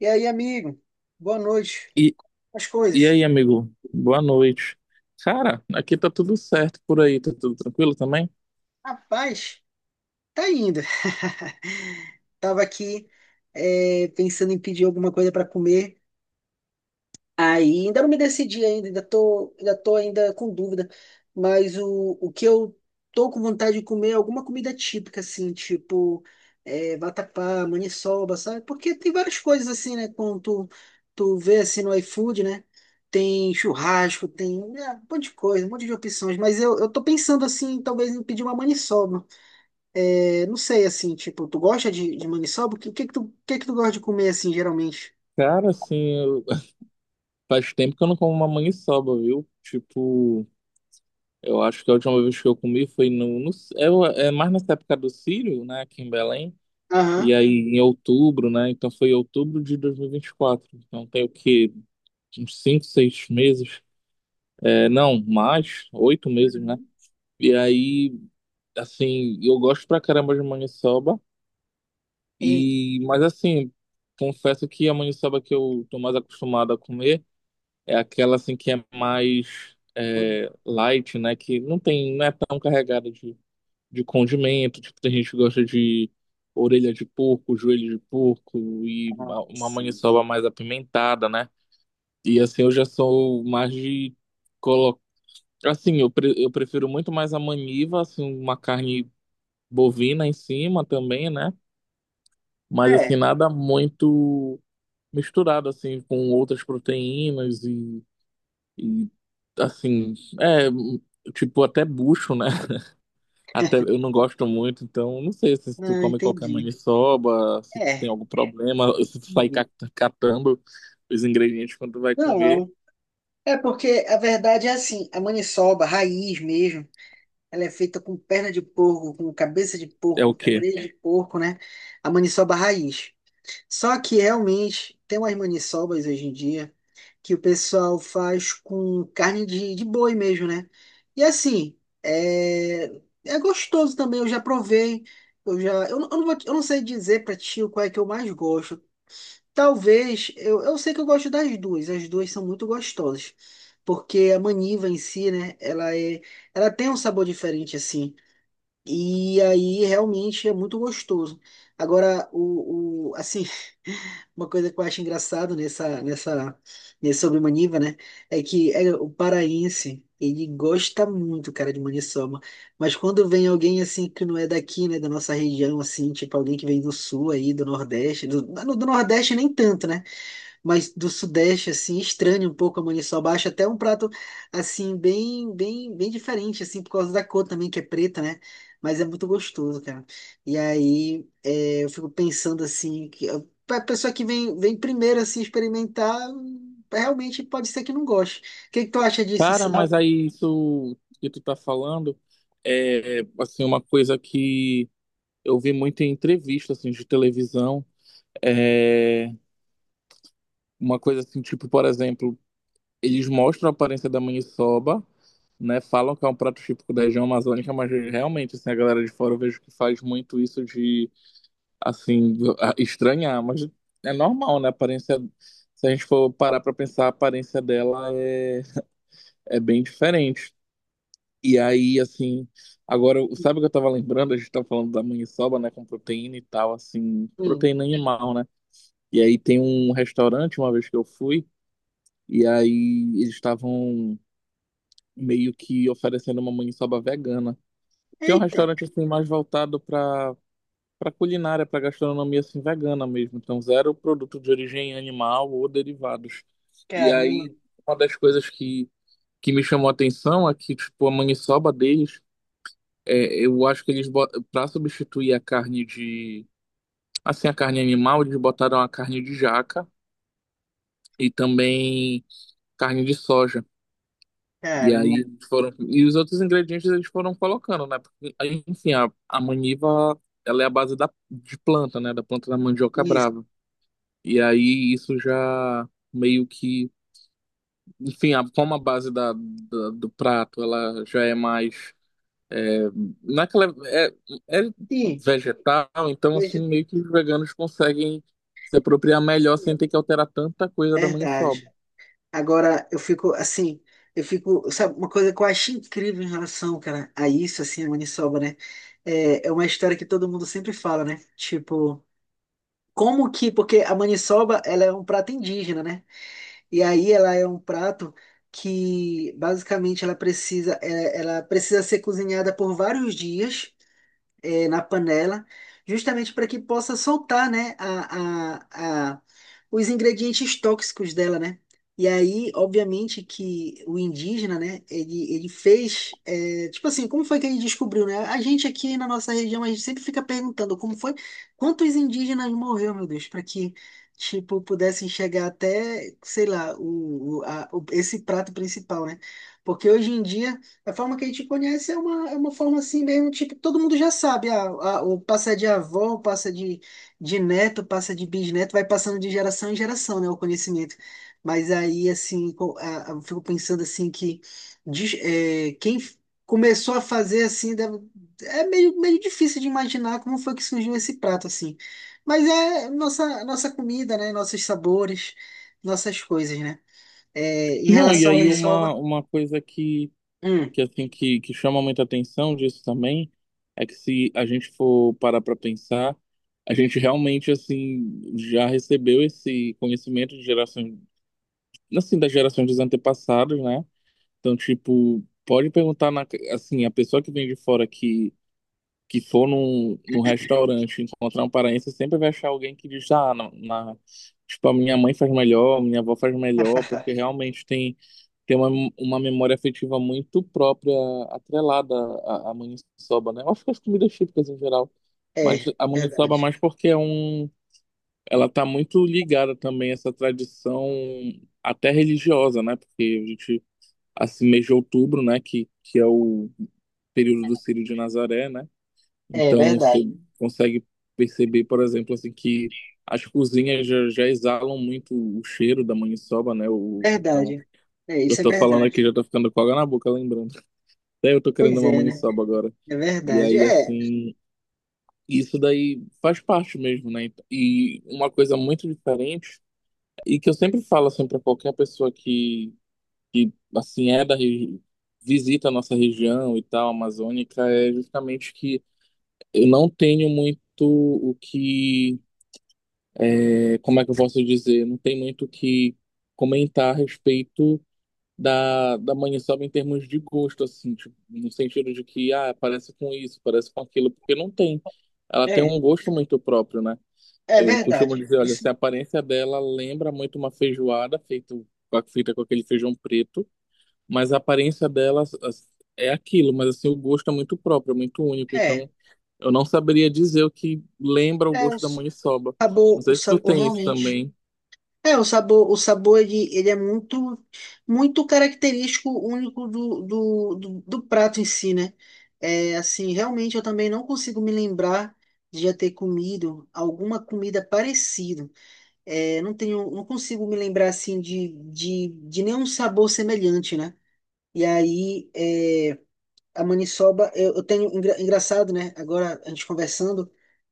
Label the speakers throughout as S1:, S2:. S1: E aí, amigo? Boa noite.
S2: E,
S1: As
S2: e
S1: coisas?
S2: aí, amigo? Boa noite. Cara, aqui tá tudo certo por aí, tá tudo tranquilo também?
S1: Rapaz, tá indo. Tava aqui, pensando em pedir alguma coisa para comer. Aí ainda não me decidi ainda, ainda tô ainda com dúvida. Mas o que eu tô com vontade de comer é alguma comida típica, assim, tipo vatapá, maniçoba, sabe? Porque tem várias coisas assim, né? Quando tu vê assim no iFood, né? Tem churrasco, tem um monte de coisa, um monte de opções. Mas eu tô pensando assim, talvez em pedir uma maniçoba. É, não sei, assim, tipo, tu gosta de maniçoba? O que que tu gosta de comer, assim, geralmente?
S2: Cara, assim, faz tempo que eu não como uma maniçoba, viu? Tipo, eu acho que a última vez que eu comi foi no, é mais nessa época do Círio, né, aqui em Belém, e
S1: Aham.
S2: aí em outubro, né, então foi outubro de 2024, então tem o que, uns 5, 6 meses, é, não, mais, 8 meses, né,
S1: Uhum.
S2: e aí, assim, eu gosto pra caramba de maniçoba,
S1: Ei.
S2: e, mas assim, confesso que a maniçoba que eu tô mais acostumado a comer é aquela, assim, que é mais... é, light, né? Que não tem, não é tão carregada de condimento. Tipo, tem gente que gosta de orelha de porco, joelho de porco e
S1: Ah,
S2: uma
S1: sim.
S2: maniçoba mais apimentada, né? E assim, eu já sou mais de colocar. Assim, eu, eu prefiro muito mais a maniva, assim, uma carne bovina em cima também, né? Mas
S1: É,
S2: assim, nada muito misturado, assim, com outras proteínas e assim, é, tipo, até bucho, né? Até eu não gosto muito, então não sei se tu
S1: não,
S2: come qualquer
S1: entendi.
S2: maniçoba, se tu tem
S1: É,
S2: algum problema, se tu sai
S1: entendi.
S2: catando os ingredientes quando tu vai comer,
S1: Não, é porque a verdade é assim, a maniçoba, a raiz mesmo, ela é feita com perna de porco, com cabeça de
S2: é o
S1: porco, com
S2: quê?
S1: orelha de porco, né? A maniçoba raiz. Só que realmente tem umas maniçobas hoje em dia que o pessoal faz com carne de boi mesmo, né? E assim, é, é gostoso também, eu já provei. Eu já, eu não vou, eu não sei dizer pra ti qual é que eu mais gosto. Talvez, eu sei que eu gosto das duas, as duas são muito gostosas, porque a maniva em si, né, ela tem um sabor diferente assim, e aí realmente é muito gostoso. Agora, o assim, uma coisa que eu acho engraçado nesse sobre maniva, né, é que o paraense, ele gosta muito, cara, de maniçoba, mas quando vem alguém assim que não é daqui, né, da nossa região, assim, tipo alguém que vem do sul aí, do Nordeste, do Nordeste nem tanto, né? Mas do sudeste, assim, estranho um pouco a maniçoba. Acho até um prato, assim, bem, bem, bem diferente, assim, por causa da cor também, que é preta, né? Mas é muito gostoso, cara. E aí, eu fico pensando, assim, que a pra pessoa que vem primeiro, assim, experimentar, realmente pode ser que não goste. O que que tu acha disso,
S2: Cara,
S1: assim?
S2: mas aí isso que tu tá falando é assim uma coisa que eu vi muito em entrevista assim de televisão, é uma coisa assim, tipo, por exemplo, eles mostram a aparência da maniçoba, né, falam que é um prato típico da região amazônica, mas realmente, assim, a galera de fora eu vejo que faz muito isso de assim, estranhar, mas é normal, né? A aparência, se a gente for parar pra pensar, a aparência dela é, é bem diferente. E aí, assim, agora, sabe o que eu tava lembrando? A gente tava falando da maniçoba, né, com proteína e tal, assim,
S1: Hum.
S2: proteína animal, né? E aí tem um restaurante, uma vez que eu fui, e aí eles estavam meio que oferecendo uma maniçoba vegana, que é um
S1: Eita,
S2: restaurante, assim, mais voltado pra para culinária, para gastronomia assim vegana mesmo, então zero produto de origem animal ou derivados. E aí
S1: caramba,
S2: uma das coisas que me chamou a atenção é que tipo a maniçoba deles, é, eu acho que eles para substituir a carne de assim a carne animal, eles botaram a carne de jaca e também carne de soja. E
S1: caramba,
S2: aí foram e os outros ingredientes eles foram colocando, né? Porque, aí, enfim, a maniva ela é a base da, de planta, né? Da planta da mandioca
S1: isso.
S2: brava. E aí isso já meio que, enfim, a, como a base da do prato ela já é mais, é, não é que ela é, é
S1: Ih,
S2: vegetal, então assim
S1: vegetariano.
S2: meio que os veganos conseguem se apropriar melhor sem ter que alterar tanta coisa da maniçoba.
S1: Verdade. Agora, eu fico, sabe, uma coisa que eu acho incrível em relação, cara, a isso, assim, a maniçoba, né? É uma história que todo mundo sempre fala, né? Tipo, porque a maniçoba, ela é um prato indígena, né? E aí ela é um prato que, basicamente, ela precisa ser cozinhada por vários dias, na panela, justamente para que possa soltar, né, os ingredientes tóxicos dela, né? E aí, obviamente, que o indígena, né, ele fez, tipo assim, como foi que ele descobriu, né? A gente aqui na nossa região, a gente sempre fica perguntando como foi, quantos indígenas morreu, meu Deus, para que, tipo, pudessem chegar até, sei lá, esse prato principal, né? Porque hoje em dia a forma que a gente conhece é uma, forma assim mesmo, tipo, todo mundo já sabe, ah, o passa de avó, passa de neto, passa de bisneto, vai passando de geração em geração, né, o conhecimento. Mas aí, assim, eu fico pensando assim que diz- eh, quem f- começou a fazer assim, é meio difícil de imaginar como foi que surgiu esse prato, assim. Mas é nossa, nossa comida, né, nossos sabores, nossas coisas, né. Eh, em
S2: Não, e
S1: relação à É.
S2: aí uma,
S1: maniçoba...
S2: uma coisa que,
S1: Hum.
S2: que assim que, que chama muita atenção disso também é que se a gente for parar para pensar, a gente realmente assim já recebeu esse conhecimento de geração, assim, das gerações dos antepassados, né? Então, tipo, pode perguntar, na, assim, a pessoa que vem de fora que for num restaurante encontrar um paraense, sempre vai achar alguém que diz, ah, tipo, a minha mãe faz melhor, a minha avó faz melhor, porque realmente tem, tem uma memória afetiva muito própria, atrelada à maniçoba, né? Eu acho que as comidas típicas em geral, mas
S1: É,
S2: a maniçoba
S1: verdade.
S2: mais porque é um, ela está muito ligada também a essa tradição até religiosa, né? Porque a gente, assim, mês de outubro, né? Que é o período do Círio de Nazaré, né?
S1: É
S2: Então você,
S1: verdade.
S2: sim, consegue perceber, por exemplo, assim, que as cozinhas já exalam muito o cheiro da maniçoba, né? O, então,
S1: Verdade. É,
S2: eu
S1: isso é
S2: tô falando
S1: verdade.
S2: aqui, já tô ficando com água na boca, lembrando. Até eu tô querendo
S1: Pois
S2: uma
S1: é, né?
S2: maniçoba agora.
S1: É
S2: E
S1: verdade.
S2: aí, assim, isso daí faz parte mesmo, né? E uma coisa muito diferente e que eu sempre falo assim para qualquer pessoa que assim é visita a nossa região e tal, amazônica, é justamente que eu não tenho muito o que, é, como é que eu posso dizer, não tem muito o que comentar a respeito da maniçoba em termos de gosto assim, tipo, no sentido de que ah, parece com isso, parece com aquilo, porque não tem. Ela tem
S1: É,
S2: um gosto muito próprio, né?
S1: é,
S2: Eu costumo
S1: verdade.
S2: dizer, olha,
S1: Isso
S2: se a aparência dela lembra muito uma feijoada feita com aquele feijão preto, mas a aparência dela é aquilo, mas assim, o gosto é muito próprio, é muito único,
S1: é.
S2: então eu não saberia dizer o que lembra o
S1: É
S2: gosto da maniçoba. Não
S1: o
S2: sei se tu
S1: sabor
S2: tem isso
S1: realmente.
S2: também.
S1: É, o sabor ele é muito, muito característico, único do prato em si, né? É, assim, realmente eu também não consigo me lembrar de já ter comido alguma comida parecida. É, não consigo me lembrar assim de, de nenhum sabor semelhante, né? E aí, é, a maniçoba, eu engraçado, né? Agora a gente conversando,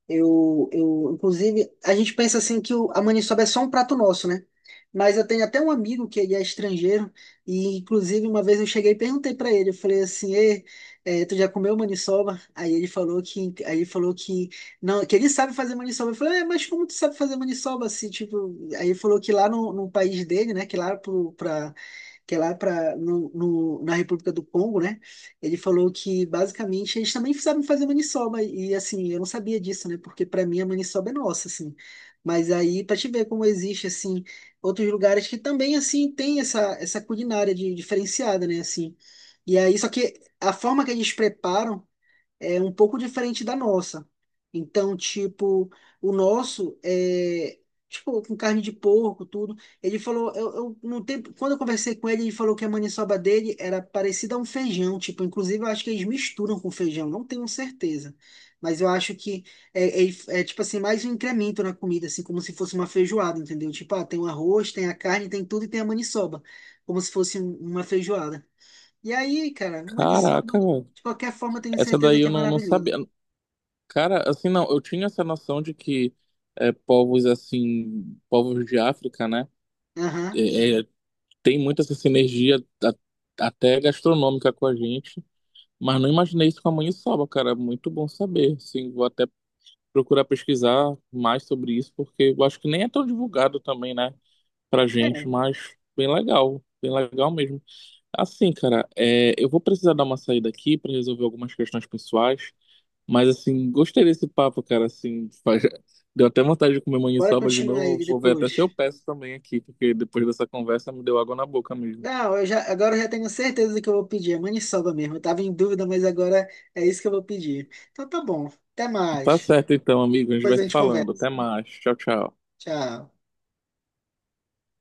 S1: eu, inclusive, a gente pensa assim que a maniçoba é só um prato nosso, né? Mas eu tenho até um amigo que ele é estrangeiro, e inclusive uma vez eu cheguei e perguntei pra ele, eu falei assim, ei, eh, tu já comeu maniçoba? Aí ele falou que, não, que ele sabe fazer maniçoba. Eu falei, é, mas como tu sabe fazer maniçoba assim, tipo, aí ele falou que lá no país dele, né, que é lá pro, pra, que é lá pra, na República do Congo, né? Ele falou que basicamente eles também sabem fazer maniçoba e assim, eu não sabia disso, né? Porque para mim a maniçoba é nossa, assim. Mas aí para te ver como existe assim outros lugares que também assim tem essa culinária diferenciada, né, assim. E aí só que a forma que eles preparam é um pouco diferente da nossa. Então, tipo, o nosso é tipo com carne de porco, tudo. Ele falou, eu no tempo, quando eu conversei com ele, ele falou que a maniçoba dele era parecida a um feijão, tipo, inclusive eu acho que eles misturam com feijão, não tenho certeza. Mas eu acho que é, é, tipo assim, mais um incremento na comida, assim, como se fosse uma feijoada, entendeu? Tipo, ah, tem o arroz, tem a carne, tem tudo e tem a maniçoba, como se fosse uma feijoada. E aí, cara, maniçoba,
S2: Caraca, velho.
S1: de qualquer forma, eu tenho
S2: Essa
S1: certeza
S2: daí
S1: que é
S2: eu não, não
S1: maravilhoso.
S2: sabia. Cara, assim, não, eu tinha essa noção de que é, povos assim, povos de África, né,
S1: Aham.
S2: é, tem muita essa sinergia a- até gastronômica com a gente. Mas não imaginei isso com a maniçoba, cara. É muito bom saber. Sim, vou até procurar pesquisar mais sobre isso, porque eu acho que nem é tão divulgado também, né, pra gente,
S1: É,
S2: mas bem legal. Bem legal mesmo. Assim, cara, é, eu vou precisar dar uma saída aqui pra resolver algumas questões pessoais, mas assim, gostei desse papo, cara, assim, deu até vontade de comer
S1: bora
S2: maniçoba de
S1: continuar
S2: novo.
S1: ele
S2: Vou ver até se eu
S1: depois.
S2: peço também aqui, porque depois dessa conversa me deu água na boca mesmo.
S1: Não, agora eu já tenho certeza do que eu vou pedir. É maniçoba mesmo. Eu tava em dúvida, mas agora é isso que eu vou pedir. Então tá bom. Até
S2: Tá
S1: mais.
S2: certo então, amigo, a gente
S1: Depois
S2: vai
S1: a
S2: se
S1: gente
S2: falando.
S1: conversa.
S2: Até mais. Tchau, tchau.
S1: Tchau.